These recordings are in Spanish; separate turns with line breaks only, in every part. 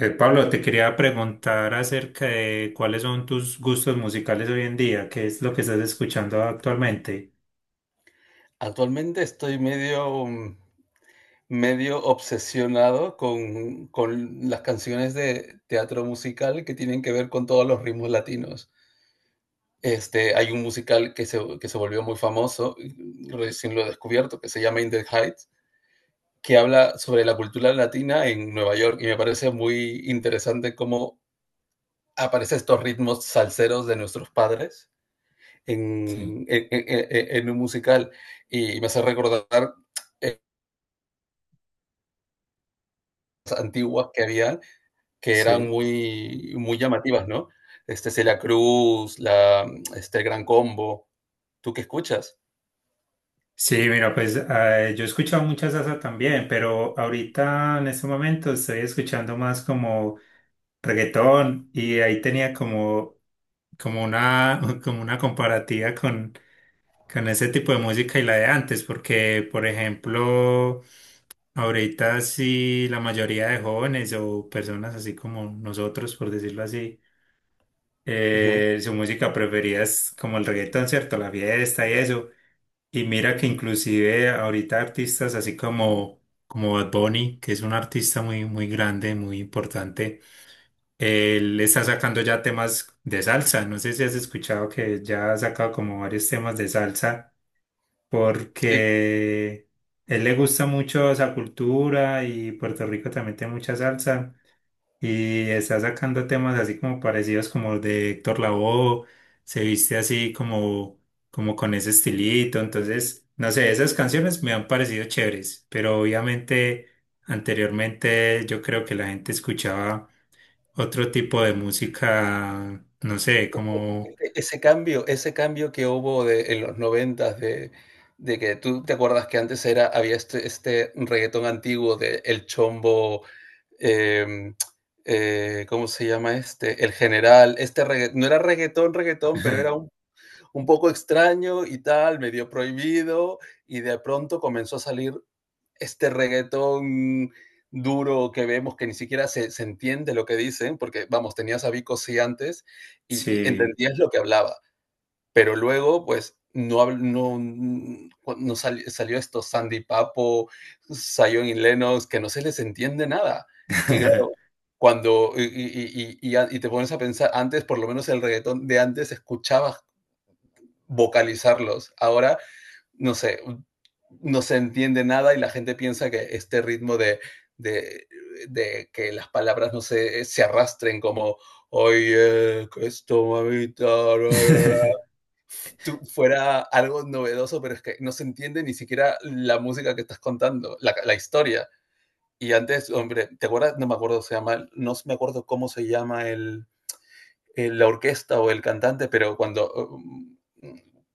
Pablo, te quería preguntar acerca de cuáles son tus gustos musicales hoy en día, qué es lo que estás escuchando actualmente.
Actualmente estoy medio, medio obsesionado con las canciones de teatro musical que tienen que ver con todos los ritmos latinos. Hay un musical que se volvió muy famoso, y recién lo he descubierto, que se llama In the Heights, que habla sobre la cultura latina en Nueva York, y me parece muy interesante cómo aparecen estos ritmos salseros de nuestros padres
Sí,
en un musical, y me hace recordar épocas antiguas que había que eran
sí.
muy, muy llamativas, ¿no? Celia Cruz, la, el Gran Combo. ¿Tú qué escuchas?
Sí, mira, pues yo he escuchado mucha salsa también, pero ahorita en este momento estoy escuchando más como reggaetón y ahí tenía como, como una, como una comparativa con ese tipo de música y la de antes, porque, por ejemplo, ahorita sí, la mayoría de jóvenes o personas así como nosotros, por decirlo así,
Ujú,
su música preferida es como el reggaetón, ¿cierto? La fiesta y eso. Y mira que inclusive ahorita artistas así como, como Bad Bunny, que es un artista muy, muy grande, muy importante, él está sacando ya temas de salsa. No sé si has escuchado que ya ha sacado como varios temas de salsa
sí.
porque él le gusta mucho esa cultura y Puerto Rico también tiene mucha salsa y está sacando temas así como parecidos como de Héctor Lavoe, se viste así como, como con ese estilito, entonces, no sé, esas canciones me han parecido chéveres, pero obviamente anteriormente yo creo que la gente escuchaba otro tipo de música, no sé, como...
Ese cambio que hubo de, en los noventas de que tú te acuerdas que antes era, había este, este reggaetón antiguo de El Chombo, em, ¿cómo se llama este? El General, no era reggaetón, reggaetón, pero era un poco extraño y tal, medio prohibido, y de pronto comenzó a salir este reggaetón duro que vemos que ni siquiera se, se entiende lo que dicen, porque vamos, tenías a Vico sí antes y
Sí.
entendías lo que hablaba, pero luego pues no, no, salió esto Sandy Papo, Zion y Lennox, que no se les entiende nada. Y claro, cuando y te pones a pensar, antes por lo menos el reggaetón de antes escuchabas vocalizarlos, ahora no sé, no se entiende nada y la gente piensa que este ritmo de, de que las palabras no se, se arrastren como, oye, que esto, mamita, bla, bla, bla", fuera algo novedoso, pero es que no se entiende ni siquiera la música que estás contando, la historia. Y antes, hombre, ¿te acuerdas? No me acuerdo, se llama, no me acuerdo cómo se llama el, la orquesta o el cantante, pero cuando,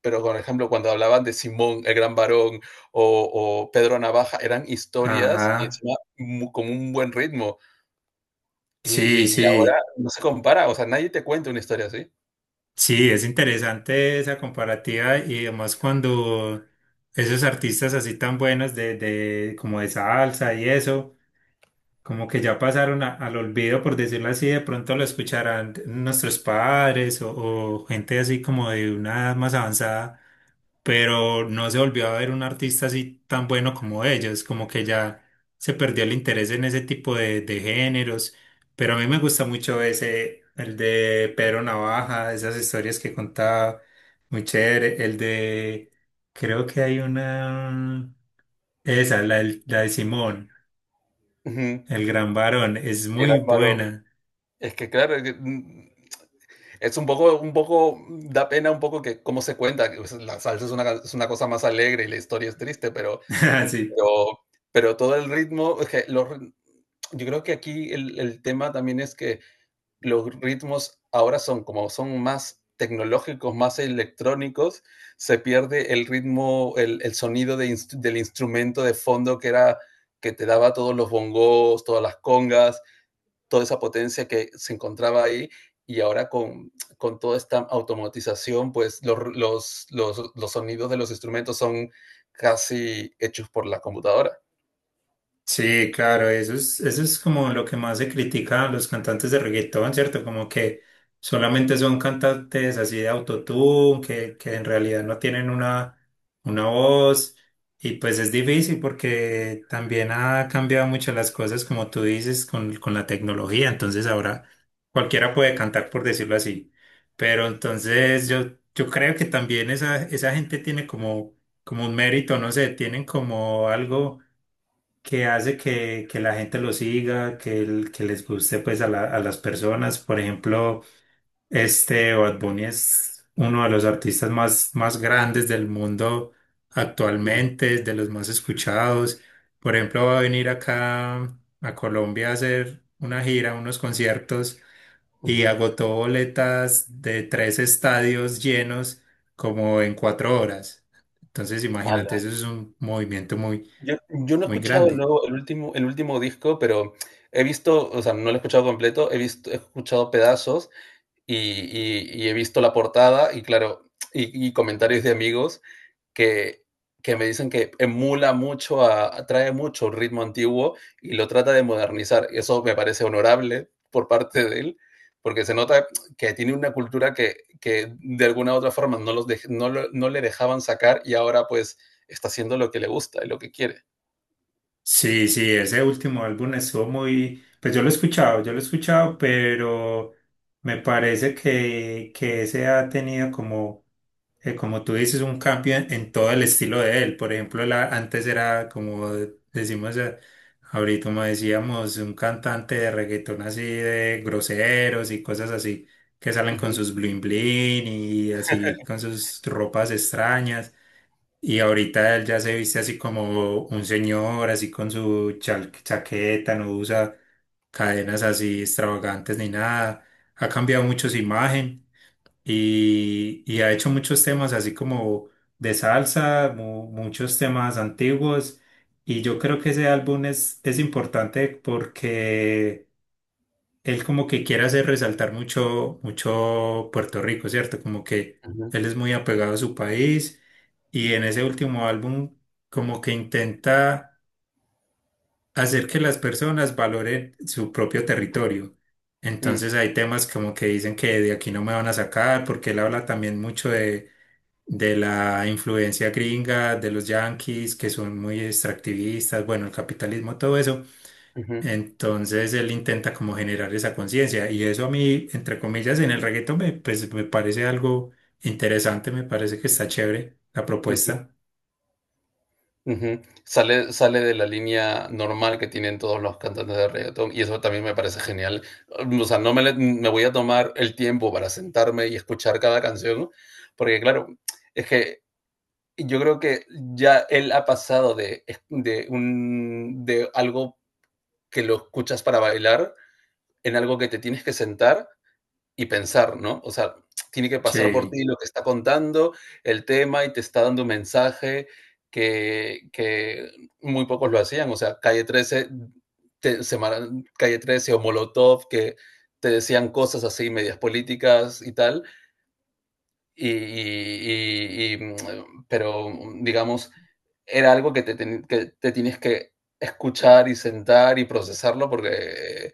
pero por ejemplo, cuando hablaban de Simón, el gran varón, o, o Pedro Navaja, eran historias y
Ajá.
encima con un buen ritmo.
Sí,
Y, ahora
sí,
no se compara, o sea, nadie te cuenta una historia así.
sí, es interesante esa comparativa y además cuando esos artistas así tan buenos de como de salsa y eso como que ya pasaron a- al olvido, por decirlo así, de pronto lo escucharán nuestros padres o gente así como de una edad más avanzada, pero no se volvió a ver un artista así tan bueno como ellos, como que ya se perdió el interés en ese tipo de géneros, pero a mí me gusta mucho ese, el de Pedro Navaja, esas historias que contaba, muy chévere, el de, creo que hay una, esa, la, del- la de Simón.
Ujú.
El gran varón es
El
muy
gran varón.
buena.
Es que claro, es que, es un poco, da pena un poco que cómo se cuenta, que, pues, la salsa es una, es una cosa más alegre y la historia es triste, pero
Sí.
Pero todo el ritmo, es que los yo creo que aquí el tema también es que los ritmos ahora son como son más tecnológicos, más electrónicos, se pierde el ritmo, el sonido de ins del instrumento de fondo que era que te daba todos los bongos, todas las congas, toda esa potencia que se encontraba ahí. Y ahora con toda esta automatización, pues los sonidos de los instrumentos son casi hechos por la computadora.
Sí, claro, eso es como lo que más se critica a los cantantes de reggaetón, ¿cierto? Como que solamente son cantantes así de autotune, que en realidad no tienen una voz. Y pues es difícil porque también ha cambiado mucho las cosas, como tú dices, con la tecnología. Entonces ahora cualquiera puede cantar, por decirlo así. Pero entonces yo creo que también esa gente tiene como, como un mérito, no sé, tienen como algo que hace que la gente lo siga, que, el- que les guste pues a, la- a las personas. Por ejemplo, este Bad Bunny es uno de los artistas más, más grandes del mundo
Mm,
actualmente, de los más escuchados. Por ejemplo, va a venir acá a Colombia a hacer una gira, unos conciertos y
ujú.
agotó boletas de 3 estadios llenos como en 4 horas. Entonces, imagínate,
Ala.
eso es un movimiento muy,
Yo no he
muy
escuchado
grande.
luego el último disco, pero he visto, o sea, no lo he escuchado completo, he visto he escuchado pedazos y y he visto la portada y claro, y comentarios de amigos que, que me dicen que emula mucho, a, atrae mucho el ritmo antiguo y lo trata de modernizar. Eso me parece honorable por parte de él, porque se nota que tiene una cultura que de alguna u otra forma no, los de, no, lo, no le dejaban sacar y ahora pues está haciendo lo que le gusta y lo que quiere.
Sí, sí, ese último álbum estuvo muy, pues yo lo he escuchado, pero me parece que ese ha tenido como, como tú dices, un cambio en todo el estilo de él. Por ejemplo, la, antes era como decimos ahorita, como decíamos, un cantante de reggaetón así de groseros y cosas así, que salen
Ujú.
con
Ujú.
sus bling bling y así con sus ropas extrañas. Y ahorita él ya se viste así como un señor, así con su chal- chaqueta, no usa cadenas así extravagantes ni nada. Ha cambiado mucho su imagen y ha hecho muchos temas así como de salsa, mu- muchos temas antiguos. Y yo creo que ese álbum es importante porque él como que quiere hacer resaltar mucho, mucho Puerto Rico, ¿cierto? Como que él es muy apegado a su país y en ese último álbum como que intenta hacer que las personas valoren su propio territorio.
Mm.
Entonces hay temas como que dicen que de aquí no me van a sacar, porque él habla también mucho de la influencia gringa, de los yanquis, que son muy extractivistas, bueno, el capitalismo, todo eso.
Ujú.
Entonces él intenta como generar esa conciencia y eso a mí, entre comillas, en el reggaetón me, pues, me parece algo interesante, me parece que está chévere la
Ujú.
propuesta.
Ujú. Sale, sale de la línea normal que tienen todos los cantantes de reggaetón y eso también me parece genial. O sea, no me, me voy a tomar el tiempo para sentarme y escuchar cada canción, porque claro, es que yo creo que ya él ha pasado de, de, un, de algo que lo escuchas para bailar en algo que te tienes que sentar y pensar, ¿no? O sea, tiene que pasar por
Sí,
ti lo que está contando, el tema, y te está dando un mensaje que muy pocos lo hacían. O sea, Calle 13, te- Semana- Calle 13 o Molotov, que te decían cosas así, medias políticas y tal. Pero, digamos, era algo que te, que te tienes que escuchar y sentar y procesarlo porque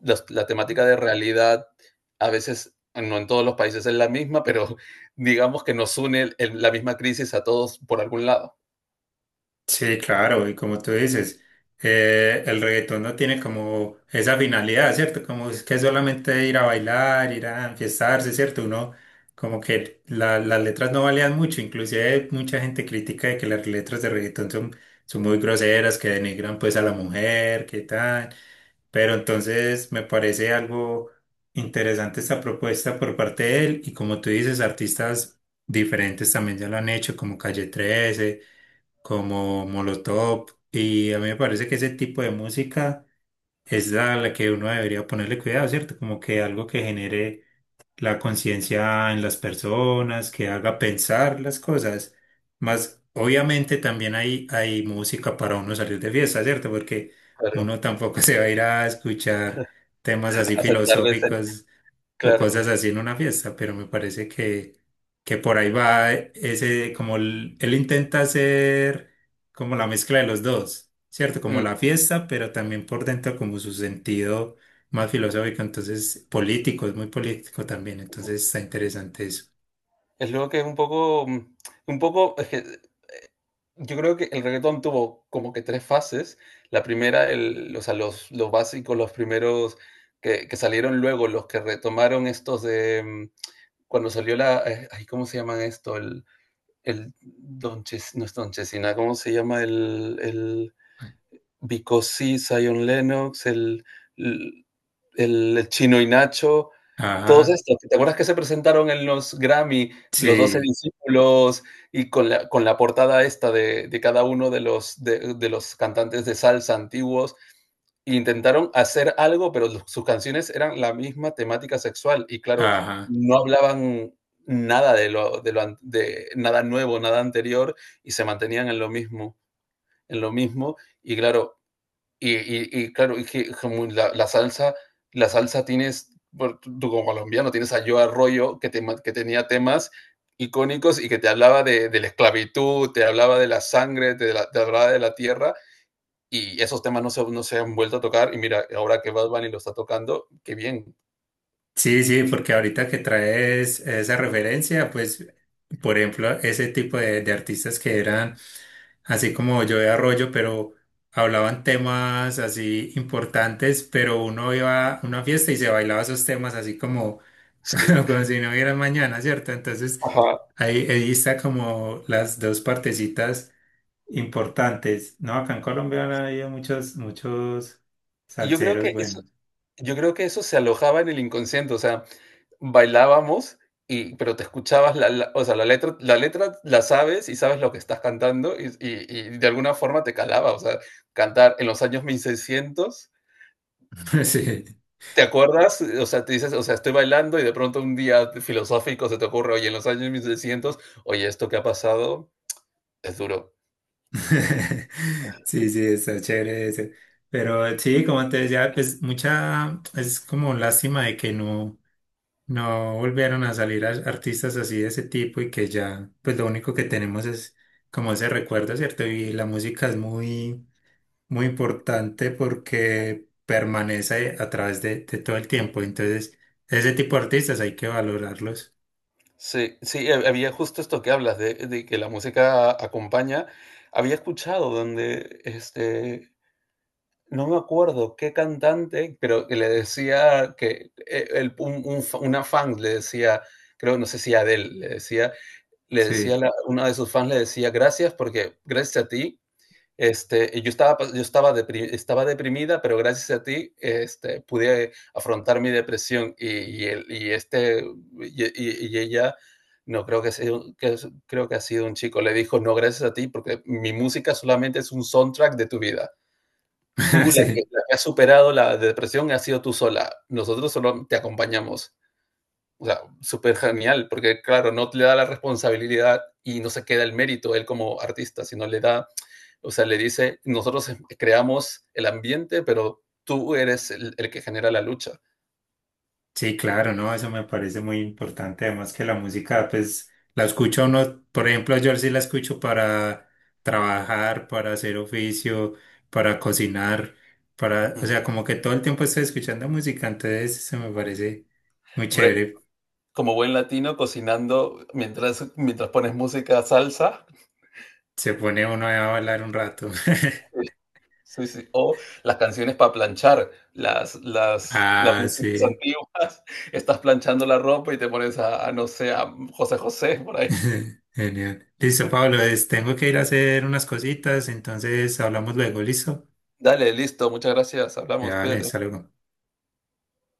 la temática de realidad a veces, no en todos los países es la misma, pero digamos que nos une la misma crisis a todos por algún lado.
sí, claro, y como tú dices, el reggaetón no tiene como esa finalidad, ¿cierto? Como es que solamente ir a bailar, ir a enfiestarse, ¿cierto? Uno como que la- las letras no valían mucho, inclusive mucha gente critica de que las letras de reggaetón son, son muy groseras, que denigran pues a la mujer, que tal. Pero entonces me parece algo interesante esta propuesta por parte de él y como tú dices, artistas diferentes también ya lo han hecho, como Calle 13, como Molotov y a mí me parece que ese tipo de música es la, la que uno debería ponerle cuidado, ¿cierto? Como que algo que genere la conciencia en las personas, que haga pensar las cosas. Más, obviamente también hay música para uno salir de fiesta, ¿cierto? Porque
Claro,
uno tampoco se va a ir a escuchar temas así
a sentar de sen-
filosóficos o
claro.
cosas así en una fiesta, pero me parece que por ahí va ese, como el- él intenta hacer como la mezcla de los dos, ¿cierto? Como la
Mm,
fiesta, pero también por dentro como su sentido más filosófico, entonces político, es muy político también, entonces está interesante eso.
Es lo que es un poco, un poco, es que yo creo que el reggaetón tuvo como que tres fases. La primera, el, o sea, los básicos, los primeros que salieron luego, los que retomaron estos de cuando salió la, ¿cómo se llaman esto? El, no es Don Chesina, ¿cómo se llama? El Bicosí, Zion Lennox, el, el Chino y Nacho, todos
Ajá,
estos. ¿Te acuerdas que se presentaron en los Grammy, los 12
sí,
discípulos, y con la portada esta de cada uno de los cantantes de salsa antiguos? Intentaron hacer algo, pero sus canciones eran la misma temática sexual y claro,
ajá.
no hablaban nada de lo, de lo de nada nuevo, nada anterior y se mantenían en lo mismo y claro, claro, y que como la, la salsa tienes, tú como colombiano tienes a Yo Arroyo que, que tenía temas icónicos y que te hablaba de la esclavitud, te hablaba de la sangre, te, te hablaba de la tierra y esos temas no se, no se han vuelto a tocar. Y mira, ahora que Bad Bunny lo está tocando, qué bien.
Sí, sí, porque ahorita que traes esa referencia, pues, por ejemplo, ese tipo de artistas que eran así como yo de Arroyo, pero hablaban temas así importantes, pero uno iba a una fiesta y se bailaba esos temas así como,
Sí.
como, como si no hubiera mañana, ¿cierto? Entonces,
Ajá.
ahí, ahí está como las dos partecitas importantes. No, acá en Colombia han habido muchos, muchos
Y yo creo
salseros
que eso,
buenos.
yo creo que eso se alojaba en el inconsciente. O sea, bailábamos, y, pero te escuchabas la, o sea, la letra, la letra la sabes y sabes lo que estás cantando de alguna forma te calaba. O sea, cantar en los años 1600.
Sí.
¿Te acuerdas? O sea, te dices, o sea, estoy bailando y de pronto un día filosófico se te ocurre, oye, en los años 1600 oye, esto que ha pasado es duro.
Sí, sí, está chévere ese. Pero sí, como te decía, pues mucha, es como lástima de que no, no volvieron a salir a- artistas así de ese tipo y que ya, pues lo único que tenemos es como ese recuerdo, ¿cierto? Y la música es muy, muy importante porque permanece a través de todo el tiempo. Entonces, ese tipo de artistas hay que valorarlos.
Sí, sí, había justo esto que hablas de que la música acompaña. Había escuchado donde, no me acuerdo qué cantante, pero que le decía que el, una fan le decía, creo, no sé si Adele, le decía,
Sí,
una de sus fans le decía, gracias porque gracias a ti yo estaba, estaba deprimida, pero gracias a ti pude afrontar mi depresión y ella, no creo que, sea, creo que ha sido un chico, le dijo, no, gracias a ti, porque mi música solamente es un soundtrack de tu vida. Tú,
sí.
la que has superado la depresión, has sido tú sola. Nosotros solo te acompañamos. O sea, súper genial, porque claro, no te le da la responsabilidad y no se queda el mérito él como artista, sino le da o sea, le dice, nosotros creamos el ambiente, pero tú eres el que genera la lucha.
Sí, claro, no, eso me parece muy importante. Además que la música, pues, la escucha uno, por ejemplo, yo sí la escucho para trabajar, para hacer oficio, para cocinar, para, o
Uh-huh.
sea, como que todo el tiempo estoy escuchando música, entonces eso me parece muy
Hombre,
chévere.
como buen latino, cocinando mientras, mientras pones música salsa.
Se pone uno a bailar un rato.
Sí, sí. O las canciones para planchar, las
Ah,
músicas
sí.
antiguas. Estás planchando la ropa y te pones a, no sé, a José José por ahí.
Genial. Listo, Pablo, es- tengo que ir a hacer unas cositas, entonces hablamos luego, ¿listo?
Dale, listo, muchas gracias.
Ya,
Hablamos,
vale,
cuídate.
hasta luego.